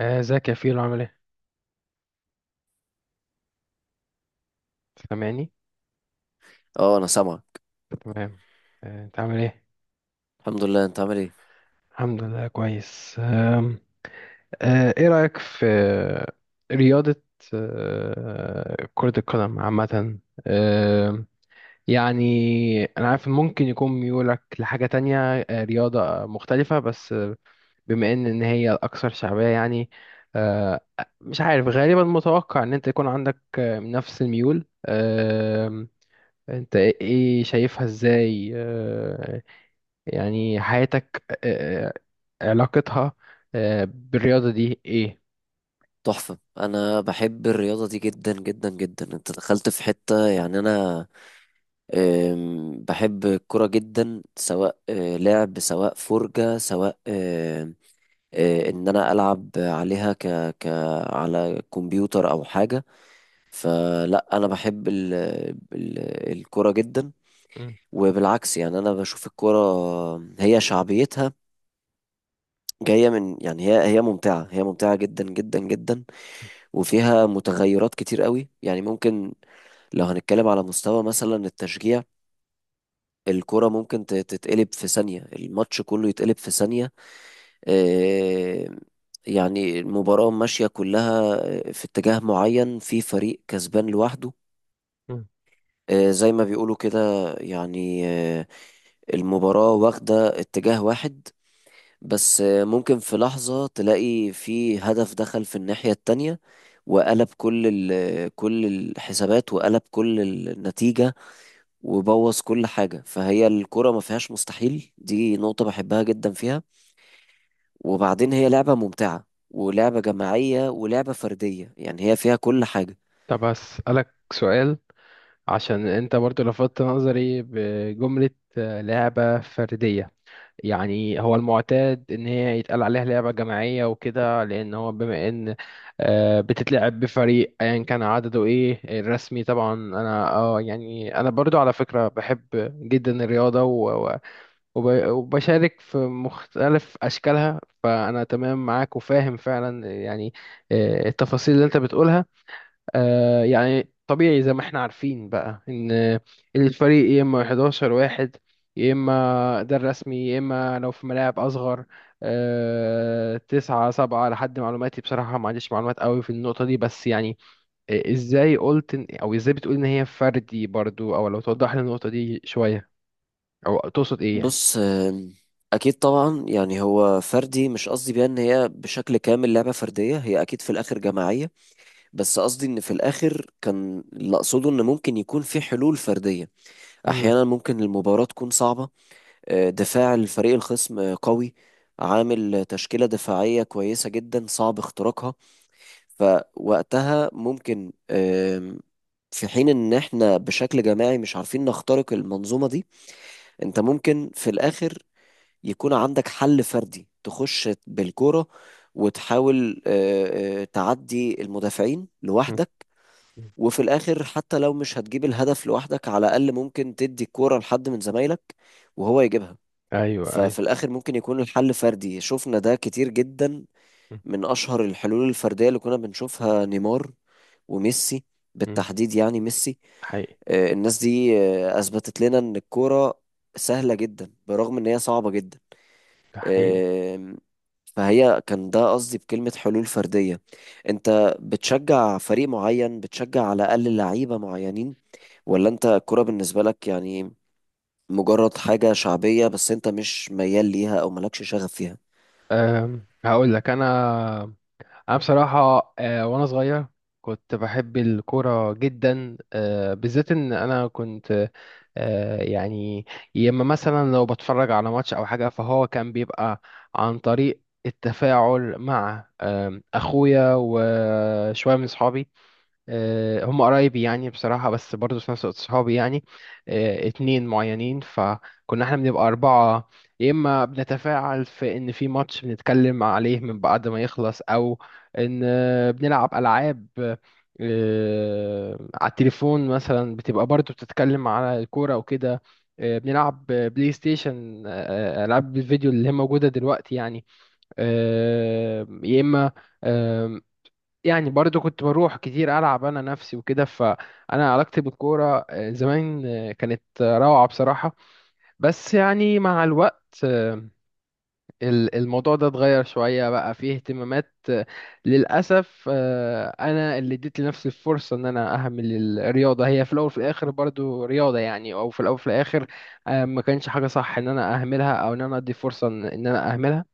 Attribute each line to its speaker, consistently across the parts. Speaker 1: ازيك يا فيلو، عامل ايه؟ سامعني؟
Speaker 2: اه، انا سامعك.
Speaker 1: تمام. انت عامل ايه؟
Speaker 2: الحمد لله، انت عامل ايه؟
Speaker 1: الحمد لله كويس. آم، آه، ايه رأيك في رياضة كرة القدم عامة؟ آم، يعني انا عارف إن ممكن يكون ميولك لحاجة تانية، رياضة مختلفة، بس بما ان إن هي الاكثر شعبية يعني. آه، مش عارف، غالبا متوقع ان انت يكون عندك نفس الميول. انت ايه شايفها ازاي؟ يعني حياتك، علاقتها بالرياضة دي ايه؟
Speaker 2: تحفة. انا بحب الرياضة دي جدا جدا جدا. انت دخلت في حتة، يعني انا بحب الكرة جدا، سواء لعب، سواء فرجة، سواء ان انا العب عليها ك ك على كمبيوتر او حاجة. فلا انا بحب ال... الكرة جدا.
Speaker 1: مم.
Speaker 2: وبالعكس، يعني انا بشوف الكرة هي شعبيتها جاية من، يعني هي ممتعة، هي ممتعة جدا جدا جدا. وفيها متغيرات كتير قوي، يعني ممكن لو هنتكلم على مستوى مثلا التشجيع، الكرة ممكن تتقلب في ثانية، الماتش كله يتقلب في ثانية. آه، يعني المباراة ماشية كلها في اتجاه معين، في فريق كسبان لوحده.
Speaker 1: مم.
Speaker 2: زي ما بيقولوا كده، يعني المباراة واخدة اتجاه واحد، بس ممكن في لحظة تلاقي في هدف دخل في الناحية التانية، وقلب كل الحسابات، وقلب كل النتيجة، وبوظ كل حاجة. فهي الكرة ما فيهاش مستحيل، دي نقطة بحبها جدا فيها. وبعدين هي لعبة ممتعة، ولعبة جماعية، ولعبة فردية، يعني هي فيها كل حاجة.
Speaker 1: طب هسألك سؤال، عشان انت برضو لفتت نظري بجملة لعبة فردية. يعني هو المعتاد ان هي يتقال عليها لعبة جماعية وكده، لان هو بما ان بتتلعب بفريق ايا كان عدده ايه الرسمي. طبعا انا اه يعني انا برضو على فكرة بحب جدا الرياضة وبشارك في مختلف أشكالها، فأنا تمام معاك وفاهم فعلا يعني التفاصيل اللي أنت بتقولها. يعني طبيعي زي ما احنا عارفين بقى إن الفريق يا إما 11 واحد، يا إما ده الرسمي، يا إما لو في ملاعب أصغر 9 7. لحد معلوماتي بصراحة ما عنديش معلومات قوي في النقطة دي، بس يعني أو إزاي بتقول إن هي فردي برضو؟ أو لو توضح لي النقطة دي شوية، أو تقصد إيه يعني؟
Speaker 2: بص، أكيد طبعا. يعني هو فردي، مش قصدي بيها إن هي بشكل كامل لعبة فردية، هي أكيد في الآخر جماعية. بس قصدي ان في الاخر، كان اللي اقصده ان ممكن يكون في حلول فرديه.
Speaker 1: مم.
Speaker 2: احيانا ممكن المباراه تكون صعبه، دفاع الفريق الخصم قوي، عامل تشكيله دفاعيه كويسه جدا، صعب اختراقها. فوقتها ممكن في حين ان احنا بشكل جماعي مش عارفين نخترق المنظومه دي، انت ممكن في الاخر يكون عندك حل فردي، تخش بالكوره وتحاول تعدي المدافعين لوحدك.
Speaker 1: مم.
Speaker 2: وفي الاخر، حتى لو مش هتجيب الهدف لوحدك، على الاقل ممكن تدي الكوره لحد من زمايلك وهو يجيبها.
Speaker 1: ايوه ايوه.
Speaker 2: ففي الاخر، ممكن يكون الحل فردي. شفنا ده كتير جدا.
Speaker 1: م-
Speaker 2: من اشهر الحلول الفرديه اللي كنا بنشوفها نيمار وميسي،
Speaker 1: م.
Speaker 2: بالتحديد يعني ميسي.
Speaker 1: حقيقي.
Speaker 2: الناس دي اثبتت لنا ان الكوره سهله جدا، برغم ان هي صعبه جدا.
Speaker 1: ده حقيقي.
Speaker 2: آم، فهي كان ده قصدي بكلمه حلول فرديه. انت بتشجع فريق معين، بتشجع على الاقل لعيبه معينين، ولا انت الكوره بالنسبه لك يعني مجرد حاجه شعبيه بس انت مش ميال ليها او مالكش شغف فيها؟
Speaker 1: أم هقول لك انا. انا بصراحه أه وانا صغير كنت بحب الكوره جدا. أه بالذات ان انا كنت أه يعني يا اما مثلا لو بتفرج على ماتش او حاجه، فهو كان بيبقى عن طريق التفاعل مع اخويا وشويه من صحابي. هم قرايبي يعني بصراحة، بس برضه في نفس الوقت صحابي يعني. اتنين معينين، فكنا احنا بنبقى 4. يا إما بنتفاعل في إن في ماتش بنتكلم عليه من بعد ما يخلص، أو إن بنلعب ألعاب على التليفون مثلا، بتبقى برضه بتتكلم على الكورة وكده. بنلعب بلاي ستيشن، ألعاب الفيديو اللي هي موجودة دلوقتي يعني. يا إما يعني برضو كنت بروح كتير ألعب أنا نفسي وكده. فأنا علاقتي بالكورة زمان كانت روعة بصراحة. بس يعني مع الوقت الموضوع ده اتغير شوية، بقى فيه اهتمامات للأسف. أنا اللي اديت لنفسي الفرصة إن أنا أهمل الرياضة، هي في الأول وفي الآخر برضو رياضة يعني، أو في الأول وفي الآخر ما كانش حاجة صح إن أنا أهملها أو إن أنا أدي فرصة إن أنا أهملها.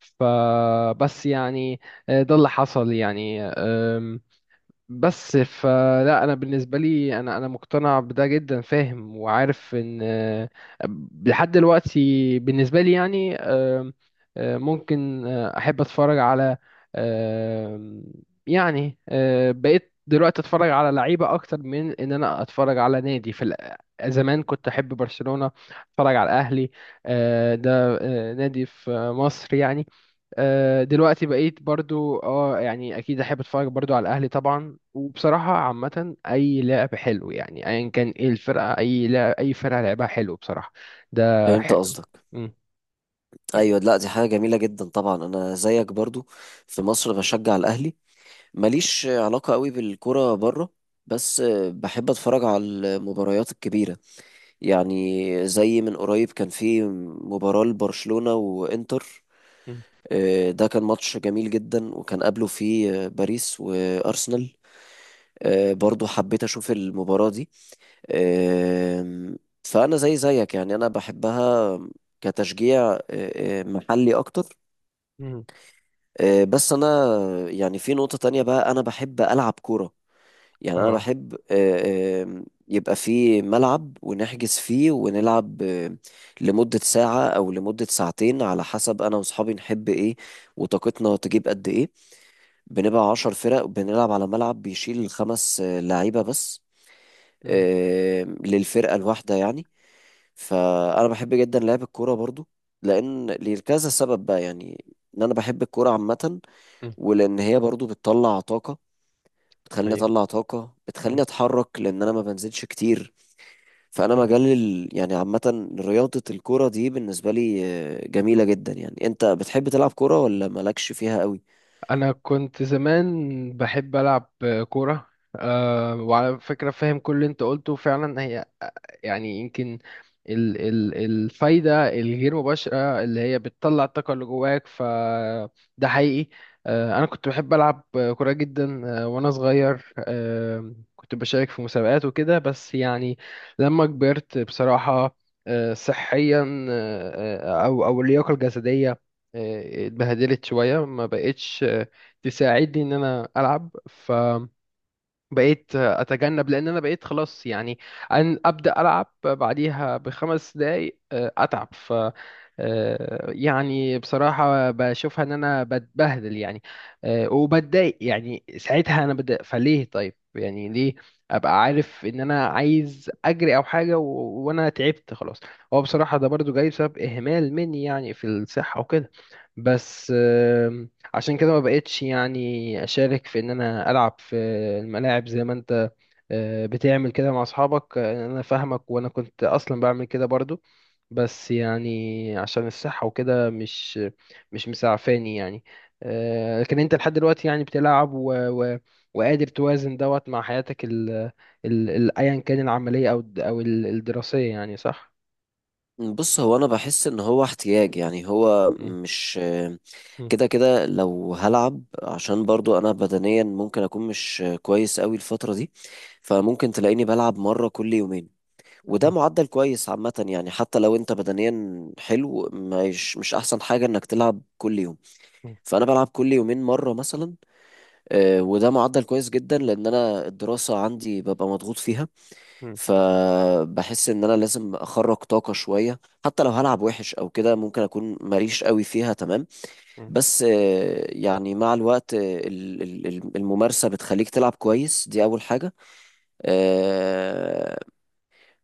Speaker 1: فبس يعني ده اللي حصل يعني. بس فلا، انا بالنسبه لي انا مقتنع بده جدا، فاهم وعارف ان لحد دلوقتي بالنسبه لي يعني ممكن احب اتفرج على آه، يعني بقيت دلوقتي اتفرج على لعيبه اكتر من ان انا اتفرج على نادي في زمان. كنت احب برشلونه، اتفرج على الاهلي، ده نادي في مصر يعني. دلوقتي بقيت برضو اه يعني اكيد احب اتفرج برضو على الاهلي طبعا. وبصراحه عامه، اي لعب حلو يعني ايا كان ايه الفرقه، اي لعب اي فرقه لعبها حلو بصراحه ده
Speaker 2: فهمت
Speaker 1: حلو.
Speaker 2: قصدك.
Speaker 1: مم.
Speaker 2: ايوه، لا، دي حاجه جميله جدا طبعا. انا زيك برضو، في مصر بشجع الاهلي، ماليش علاقه قوي بالكوره بره. بس بحب اتفرج على المباريات الكبيره، يعني زي من قريب كان في مباراه لبرشلونه وانتر.
Speaker 1: مم.
Speaker 2: ده كان ماتش جميل جدا، وكان قبله فيه باريس وارسنال. برضو حبيت اشوف المباراه دي. أم، فأنا زي زيك، يعني أنا بحبها كتشجيع أه، أه، محلي أكتر.
Speaker 1: مم.
Speaker 2: بس أنا يعني في نقطة تانية بقى، أنا بحب ألعب كورة. يعني أنا
Speaker 1: اه.
Speaker 2: بحب أه، أم، يبقى في ملعب، ونحجز فيه، ونلعب لمدة ساعة أو لمدة ساعتين، على حسب أنا وأصحابي نحب إيه وطاقتنا تجيب قد إيه. بنبقى 10 فرق، بنلعب على ملعب بيشيل خمس لعيبة بس
Speaker 1: مم.
Speaker 2: للفرقة الواحدة، يعني. فانا بحب جدا لعب الكوره برضو، لان لكذا سبب بقى، يعني ان انا بحب الكوره عامه،
Speaker 1: مم.
Speaker 2: ولان هي برضو بتطلع طاقه، بتخليني
Speaker 1: ايوه.
Speaker 2: اطلع طاقه،
Speaker 1: مم.
Speaker 2: بتخليني اتحرك، لان انا ما بنزلش كتير. فانا
Speaker 1: مم.
Speaker 2: مجال يعني عامه رياضه الكوره دي بالنسبه لي جميله جدا. يعني انت بتحب تلعب كوره ولا مالكش فيها قوي؟
Speaker 1: انا كنت زمان بحب العب كوره. آه وعلى فكره فاهم كل اللي انت قلته فعلا. هي يعني يمكن ال الفايدة الغير مباشرة اللي هي بتطلع الطاقة اللي جواك، فده حقيقي. أنا كنت بحب ألعب كورة جدا. وأنا صغير كنت بشارك في مسابقات وكده. بس يعني لما كبرت بصراحة صحيا، أو اللياقة الجسدية اتبهدلت شوية، ما بقتش تساعدني إن أنا ألعب. بقيت اتجنب لان انا بقيت خلاص يعني ان ابدا العب بعديها ب5 دقايق اتعب. ف يعني بصراحه بشوفها ان انا بتبهدل يعني. وبتضايق يعني، ساعتها انا بتضايق. فليه؟ طيب يعني ليه ابقى عارف ان انا عايز اجري او حاجه وانا تعبت خلاص؟ هو بصراحه ده برضو جاي بسبب اهمال مني يعني في الصحه وكده، بس عشان كده ما بقتش يعني اشارك في ان انا العب في الملاعب زي ما انت بتعمل كده مع اصحابك. انا فاهمك وانا كنت اصلا بعمل كده برضو، بس يعني عشان الصحة وكده مش مسعفاني يعني. لكن انت لحد دلوقتي يعني بتلعب، و... وقادر توازن دوت مع حياتك ايا كان العملية او الدراسية يعني، صح؟
Speaker 2: بص، هو انا بحس ان هو احتياج، يعني هو
Speaker 1: مم.
Speaker 2: مش
Speaker 1: مم.
Speaker 2: كده كده. لو هلعب عشان برضو انا بدنيا ممكن اكون مش كويس قوي الفترة دي، فممكن تلاقيني بلعب مرة كل يومين، وده معدل كويس عامة. يعني حتى لو انت بدنيا حلو، مش احسن حاجة انك تلعب كل يوم.
Speaker 1: مم.
Speaker 2: فانا بلعب كل يومين مرة مثلا، وده معدل كويس جدا، لان انا الدراسة عندي ببقى مضغوط فيها.
Speaker 1: مم.
Speaker 2: فبحس ان انا لازم اخرج طاقة شوية، حتى لو هلعب وحش او كده، ممكن اكون ماليش قوي فيها تمام.
Speaker 1: مم.
Speaker 2: بس يعني مع الوقت الممارسة بتخليك تلعب كويس، دي اول حاجة. آه،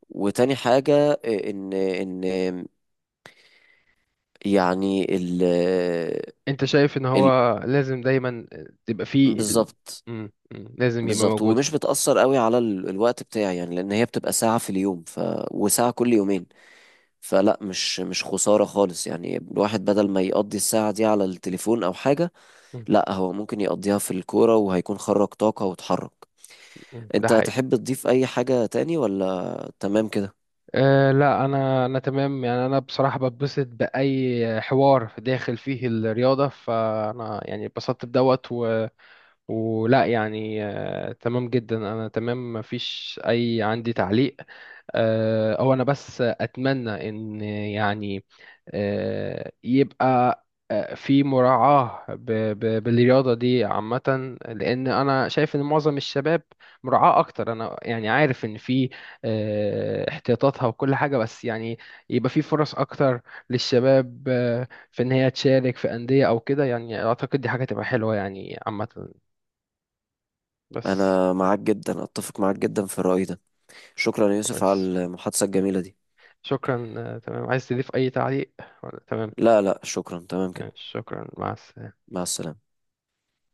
Speaker 2: وتاني حاجة، ان يعني ال
Speaker 1: انت شايف ان
Speaker 2: ال
Speaker 1: هو لازم دايما تبقى فيه
Speaker 2: بالظبط.
Speaker 1: لازم يبقى
Speaker 2: بالظبط،
Speaker 1: موجود.
Speaker 2: ومش بتأثر قوي على الوقت بتاعي، يعني لان هي بتبقى ساعة في اليوم وساعة كل يومين. فلا، مش خسارة خالص، يعني الواحد بدل ما يقضي الساعة دي على التليفون أو حاجة،
Speaker 1: مم،
Speaker 2: لا هو ممكن يقضيها في الكورة، وهيكون خرج طاقة واتحرك.
Speaker 1: مم، ده
Speaker 2: أنت
Speaker 1: حقيقي.
Speaker 2: تحب تضيف أي حاجة تاني، ولا تمام كده؟
Speaker 1: أه لا، انا انا تمام يعني. انا بصراحة بتبسط باي حوار داخل فيه الرياضة، فانا يعني اتبسطت بدوت ولا يعني أه تمام جدا. انا تمام، مفيش اي عندي تعليق. هو انا بس اتمنى ان يعني يبقى في مراعاة بالرياضة دي عامة، لأن أنا شايف إن معظم الشباب مراعاة أكتر. أنا يعني عارف إن في احتياطاتها وكل حاجة، بس يعني يبقى في فرص أكتر للشباب في إن هي تشارك في أندية أو كده، يعني أعتقد دي حاجة تبقى حلوة يعني عامة بس.
Speaker 2: أنا معاك جدا، أتفق معاك جدا في الرأي ده. شكرا يا يوسف على
Speaker 1: كويس.
Speaker 2: المحادثة الجميلة دي.
Speaker 1: شكرا. تمام، عايز تضيف أي تعليق ولا تمام؟
Speaker 2: لا لا، شكرا، تمام كده.
Speaker 1: شكرا، مع السلامة.
Speaker 2: مع السلامة.